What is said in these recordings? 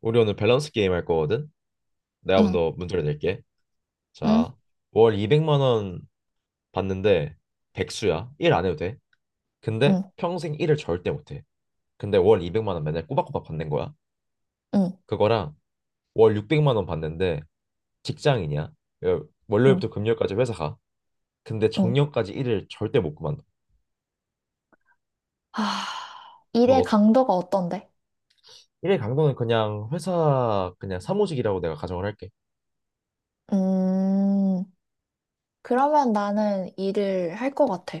우리 오늘 밸런스 게임 할 거거든? 내가 응, 먼저 문제를 낼게. 응, 자, 월 200만 원 받는데 백수야. 일 안 해도 돼. 근데 응, 평생 일을 절대 못 해. 근데 월 200만 원 맨날 꼬박꼬박 받는 거야. 응, 그거랑 월 600만 원 받는데 직장인이야. 응, 월요일부터 금요일까지 회사 가. 근데 응. 정년까지 일을 절대 못 그만둬. 하, 일의 너 강도가 어떤데? 일의 강도는 그냥 회사 그냥 사무직이라고 내가 가정을 할게. 음, 그러면 나는 일을 할 것 같아.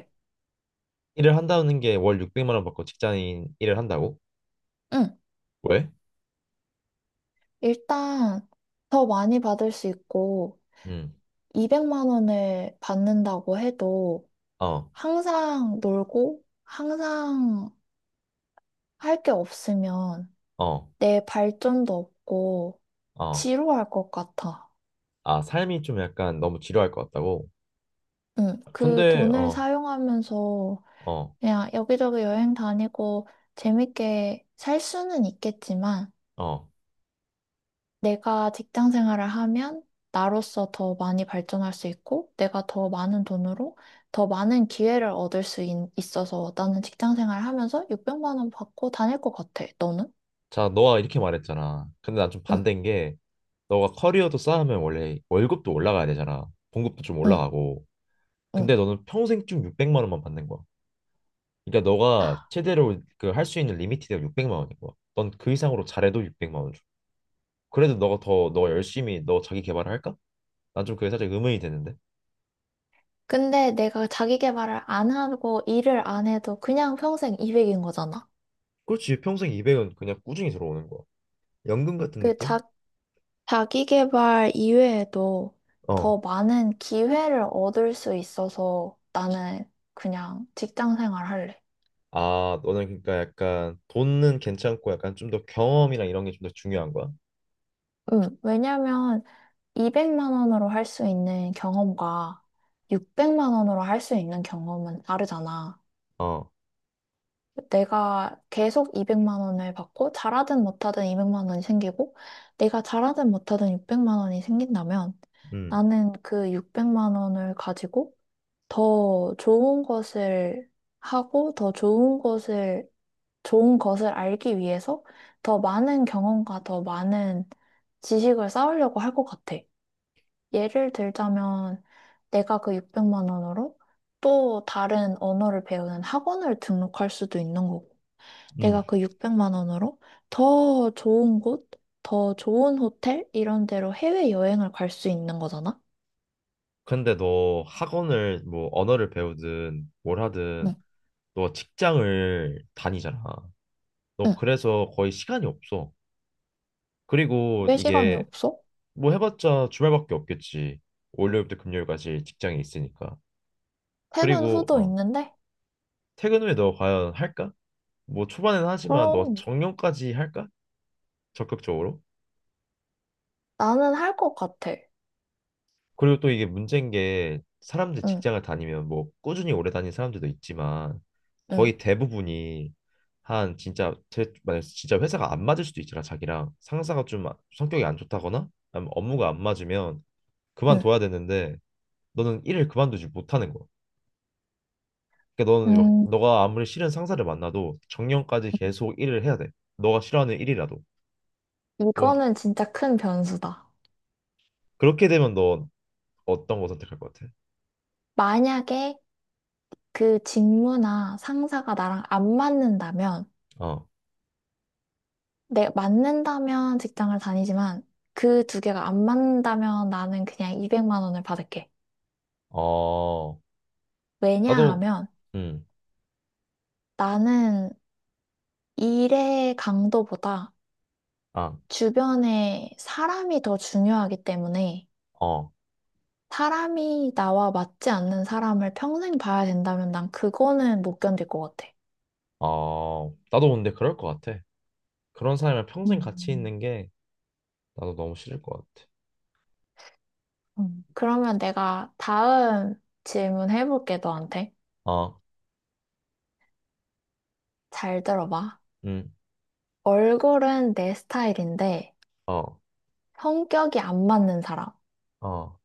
일을 한다는 게 월 600만 원 받고 직장인 일을 한다고? 응. 왜? 일단 더 많이 받을 수 있고 응. 200만 원을 받는다고 해도 어. 항상 놀고 항상 할 게 없으면 어. 내 발전도 없고 어, 지루할 것 같아. 아, 삶이 좀 약간 너무 지루할 것 같다고? 응, 그 근데, 돈을 어, 사용하면서 어, 그냥 여기저기 여행 다니고 재밌게 살 수는 있겠지만 어. 내가 직장 생활을 하면 나로서 더 많이 발전할 수 있고 내가 더 많은 돈으로 더 많은 기회를 얻을 수 있어서 나는 직장 생활 하면서 600만 원 받고 다닐 것 같아. 너는? 자, 너가 이렇게 말했잖아. 근데 난 좀 응, 반대인 게, 너가 커리어도 쌓으면 원래 월급도 올라가야 되잖아. 봉급도 좀 응, 올라가고. 응. 근데 너는 평생 쭉 600만 원만 받는 거야. 그러니까 너가 최대로 그 할 수 있는 리미티드가 600만 원인 거야. 넌 그 이상으로 잘해도 600만 원 줘. 그래도 너가 더, 너 열심히 너 자기 개발을 할까? 난 좀 그게 살짝 의문이 되는데. 근데 내가 자기 개발을 안 하고 일을 안 해도 그냥 평생 200인 거잖아. 그렇지, 평생 200은 그냥 꾸준히 들어오는 거야. 연금 같은 그 자, 느낌? 자기계발 이외에도 더 어. 많은 기회를 얻을 수 있어서 나는 그냥 직장 생활 할래. 아, 너는 그러니까 약간 돈은 괜찮고 약간 좀 더 경험이랑 이런 게 좀 더 중요한 거야? 응. 왜냐면 200만 원으로 할 수 있는 경험과 600만 원으로 할 수 있는 경험은 다르잖아. 어, 내가 계속 200만 원을 받고 잘하든 못하든 200만 원이 생기고 내가 잘하든 못하든 600만 원이 생긴다면 음, 나는 그 600만 원을 가지고 더 좋은 것을 하고 더 좋은 것을 좋은 것을 알기 위해서 더 많은 경험과 더 많은 지식을 쌓으려고 할 것 같아. 예를 들자면 내가 그 600만 원으로 또 다른 언어를 배우는 학원을 등록할 수도 있는 거고, 음. 내가 그 600만 원으로 더 좋은 곳, 더 좋은 호텔 이런 데로 해외 여행을 갈 수 있는 거잖아. 근데 너 학원을 뭐 언어를 배우든 뭘 응, 하든 너 직장을 다니잖아. 너 응. 그래서 거의 시간이 없어. 그리고 왜 시간이 이게 없어? 뭐 해봤자 주말밖에 없겠지. 월요일부터 금요일까지 직장이 있으니까. 퇴근 그리고 후도 있는데 퇴근 후에 너 과연 할까? 뭐 초반에는 하지만 너 그럼 정년까지 할까? 적극적으로? 나는 할 것 같아. 그리고 또 이게 문제인 게 사람들 응, 직장을 다니면 뭐 꾸준히 오래 다닌 사람들도 있지만 응, 거의 대부분이 한 진짜 제 만약 진짜 회사가 안 맞을 수도 있잖아. 자기랑 상사가 좀 아, 성격이 안 좋다거나 아니면 업무가 안 맞으면 응. 그만둬야 되는데 너는 일을 그만두지 못하는 거야. 그러니까 너는 음, 너가 아무리 싫은 상사를 만나도 정년까지 계속 일을 해야 돼. 너가 싫어하는 일이라도. 뭔 이거는 진짜 큰 변수다. 그렇게 되면 너 어떤 거 선택할 것 같아? 만약에 그 직무나 상사가 나랑 안 맞는다면, 어. 내 맞는다면 직장을 다니지만 그 두 개가 안 맞는다면 나는 그냥 200만 원을 받을게. 어. 나도 왜냐하면 음. 나는 일의 강도보다 아. 주변에 사람이 더 중요하기 때문에 어, 사람이 나와 맞지 않는 사람을 평생 봐야 된다면 난 그거는 못 견딜 것 같아. 어, 나도 근데 그럴 것 같아. 그런 사람이랑 평생 같이 음, 있는 게 나도 너무 싫을 것 같아. 그러면 내가 다음 질문 해볼게, 너한테. 어, 잘 들어봐. 음, 얼굴은 내 스타일인데 어, 성격이 안 맞는 사람. 어,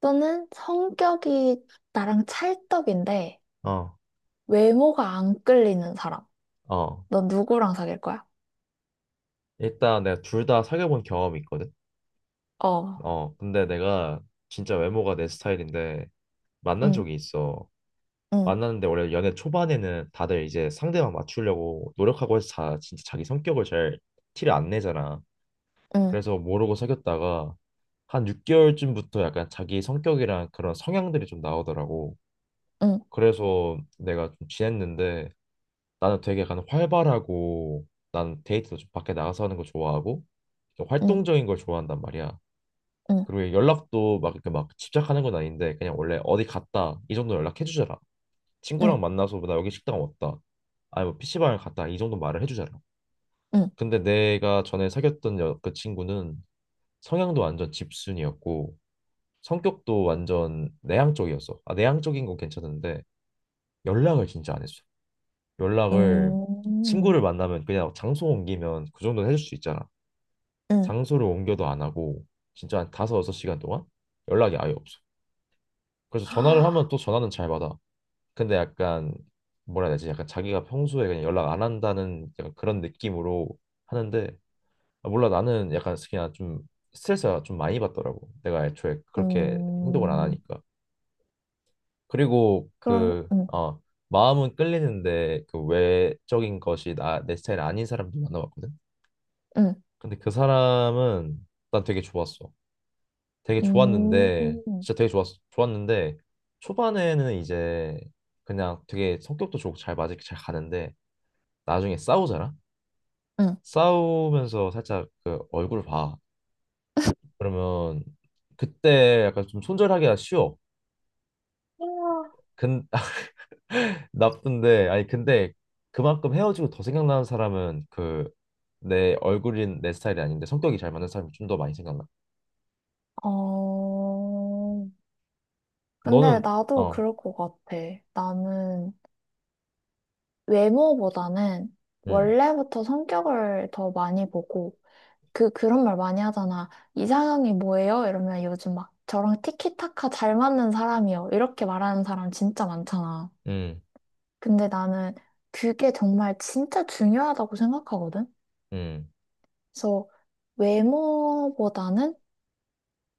또는 성격이 나랑 찰떡인데 어, 외모가 안 끌리는 사람. 어. 너 누구랑 사귈 거야? 일단 내가 둘 다 사귀어본 경험이 있거든. 어, 근데 내가 진짜 외모가 내 스타일인데 만난 응, 적이 있어. 응, 만났는데 원래 연애 초반에는 다들 이제 상대방 맞추려고 노력하고 해서 자, 진짜 자기 성격을 잘 티를 안 내잖아. 응, 그래서 모르고 사귀었다가 한 6개월쯤부터 약간 자기 성격이랑 그런 성향들이 좀 나오더라고. 응, 그래서 내가 좀 지냈는데 나는 되게 약간 활발하고 난 데이트도 좀 밖에 나가서 하는 거 좋아하고 좀 응, 활동적인 걸 좋아한단 말이야. 응, 그리고 연락도 막 이렇게 막 집착하는 건 아닌데 그냥 원래 어디 갔다 이 정도 연락해 주잖아. 응, 친구랑 만나서 나 여기 식당 왔다. 아니 뭐 PC방을 갔다 이 정도 말을 해 주잖아. 응, 응, 근데 내가 전에 사귀었던 그 친구는 성향도 완전 집순이었고 성격도 완전 내향적이었어. 아, 내향적인 건 괜찮은데 연락을 진짜 안 했어. 연락을 응, 친구를 만나면 그냥 장소 옮기면 그 정도는 해줄 수 있잖아. 응. 장소를 옮겨도 안 하고 진짜 한 다섯 여섯 시간 동안 연락이 아예 없어. 그래서 전화를 하면 또 전화는 잘 받아. 근데 약간 뭐라 해야 되지? 약간 자기가 평소에 그냥 연락 안 한다는 약간 그런 느낌으로 하는데 아, 몰라. 나는 약간 그냥 좀 스트레스가 좀 많이 받더라고. 내가 애초에 그렇게 행동을 안 음, 하니까. 그리고 그럼, 그 음, 마음은 끌리는데 그 외적인 것이 나 내 스타일 아닌 사람도 만나봤거든. 음, 근데 그 사람은 난 되게 좋았어. 되게 좋았는데 음, 진짜 되게 좋았는데 초반에는 이제 그냥 되게 성격도 좋고 잘 맞을 게잘 가는데 나중에 싸우잖아. 음. 싸우면서 살짝 그 얼굴 봐. 그러면 그때 약간 좀 손절하기가 쉬워. 근 나쁜데 아니 근데 그만큼 헤어지고 더 생각나는 사람은 그 내 얼굴인 내 스타일이 아닌데 성격이 잘 맞는 사람이 좀 더 많이 생각나. 어, 근데 너는 나도 어, 그럴 것 같아. 나는 외모보다는 음, 원래부터 성격을 더 많이 보고, 그런 말 많이 하잖아. 이상형이 뭐예요? 이러면 요즘 막 저랑 티키타카 잘 맞는 사람이요. 이렇게 말하는 사람 진짜 많잖아. 음, 근데 나는 그게 정말 진짜 중요하다고 생각하거든? 음. 그래서 외모보다는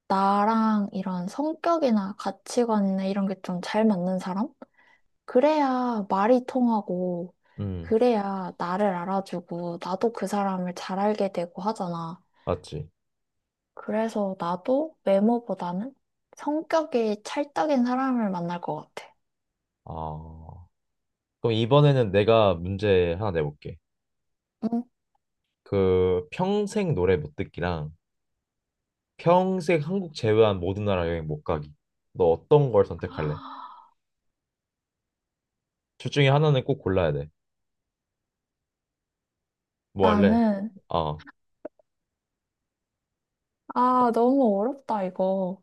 나랑 이런 성격이나 가치관이나 이런 게 좀 잘 맞는 사람? 그래야 말이 통하고, 음, 그래야 나를 알아주고, 나도 그 사람을 잘 알게 되고 하잖아. 맞지. 그래서 나도 외모보다는 성격이 찰떡인 사람을 만날 것 같아. 아, 그럼 이번에는 내가 문제 하나 내볼게. 응? 그 평생 노래 못 듣기랑 평생 한국 제외한 모든 나라 여행 못 가기. 너 어떤 걸 선택할래? 둘 중에 하나는 꼭 골라야 돼. 뭐 할래? 나는, 어, 아, 너무 어렵다, 이거.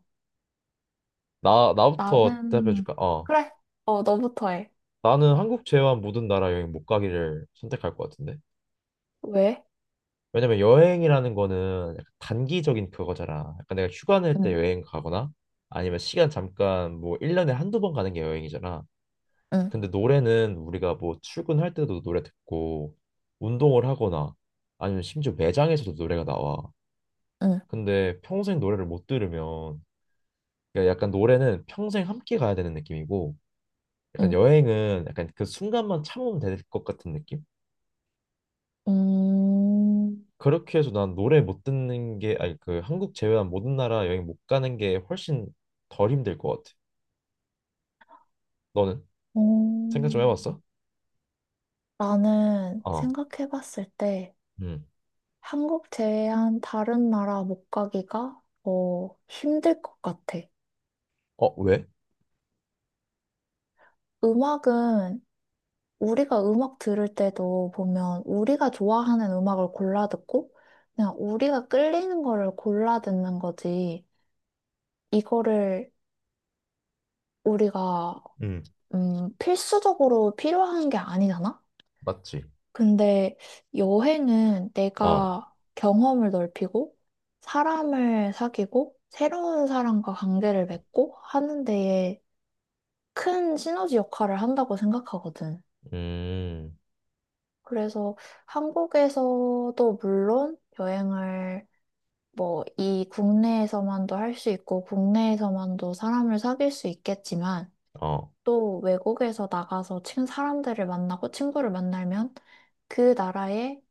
나 나부터 대답해 나는, 줄까? 어, 그래, 어, 너부터 해. 나는 한국 제외한 모든 나라 여행 못 가기를 선택할 것 같은데. 왜? 왜냐면 여행이라는 거는 약간 단기적인 그거잖아. 약간 내가 휴가 낼 때 응, 여행 가거나 아니면 시간 잠깐 뭐 1년에 한두 번 가는 게 여행이잖아. 응, 근데 노래는 우리가 뭐 출근할 때도 노래 듣고 운동을 하거나 아니면 심지어 매장에서도 노래가 나와. 응. 근데 평생 노래를 못 들으면 그러니까 약간 노래는 평생 함께 가야 되는 느낌이고 약간 응. 여행은 약간 그 순간만 참으면 될 것 같은 느낌? 음, 그렇게 해서 난 노래 못 듣는 게 아니 그 한국 제외한 모든 나라 여행 못 가는 게 훨씬 덜 힘들 것 같아. 너는 생각 좀 음. 해봤어? 나는 어, 생각해봤을 때 음, 한국 제외한 다른 나라 못 가기가 어, 힘들 것 같아. 어 왜? 음악은 우리가 음악 들을 때도 보면 우리가 좋아하는 음악을 골라 듣고 그냥 우리가 끌리는 거를 골라 듣는 거지. 이거를 우리가 음, 필수적으로 필요한 게 아니잖아? 맞지. 근데 여행은 어, 내가 경험을 넓히고 사람을 사귀고 새로운 사람과 관계를 맺고 하는 데에 큰 시너지 역할을 한다고 생각하거든. 음, 그래서 한국에서도 물론 여행을 뭐 이 국내에서만도 할 수 있고 국내에서만도 사람을 사귈 수 있겠지만 어. 또 외국에서 나가서 친 사람들을 만나고 친구를 만나면 그 나라의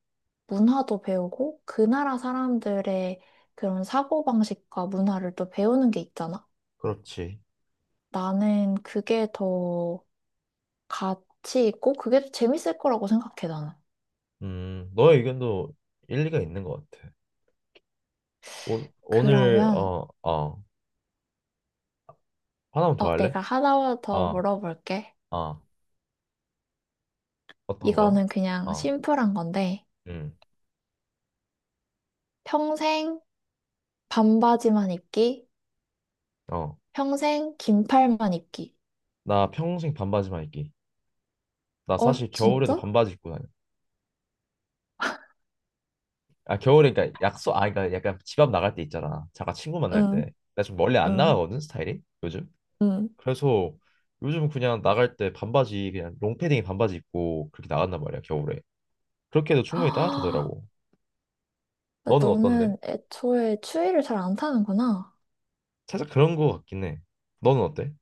문화도 배우고 그 나라 사람들의 그런 사고방식과 문화를 또 배우는 게 있잖아. 그렇지. 나는 그게 더 가치 있고 그게 더 재밌을 거라고 생각해, 나는. 너의 의견도 일리가 있는 것 같아. 오, 오늘 그러면 하나만 더 어, 할래? 내가 하나 더 아, 물어볼게. 아, 어떤 거야? 이거는 그냥 어 심플한 건데 음, 평생 반바지만 입기, 어, 평생 긴팔만 입기. 나 평생 반바지만 입기. 나 어, 사실 겨울에도 진짜? 반바지 입고 다녀. 아, 겨울에 그러니까 그러니까 약간 집 앞 나갈 때 있잖아. 잠깐 친구 만날 때. 응, 나 좀 멀리 안 응, 나가거든 스타일이 요즘. 응. 그래서 요즘 그냥 나갈 때 반바지 그냥 롱패딩에 반바지 입고 그렇게 나간단 말이야 겨울에. 그렇게 해도 충분히 아, 따뜻하더라고. 너는 어떤데? 너는 애초에 추위를 잘 안 타는구나. 살짝 그런 거 같긴 해. 너는 어때?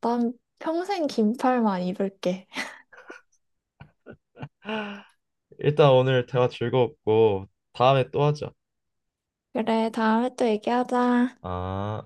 난 평생 긴팔만 입을게. 일단 오늘 대화 즐거웠고 다음에 또 하자. 그래, 다음에 또 얘기하자. 아.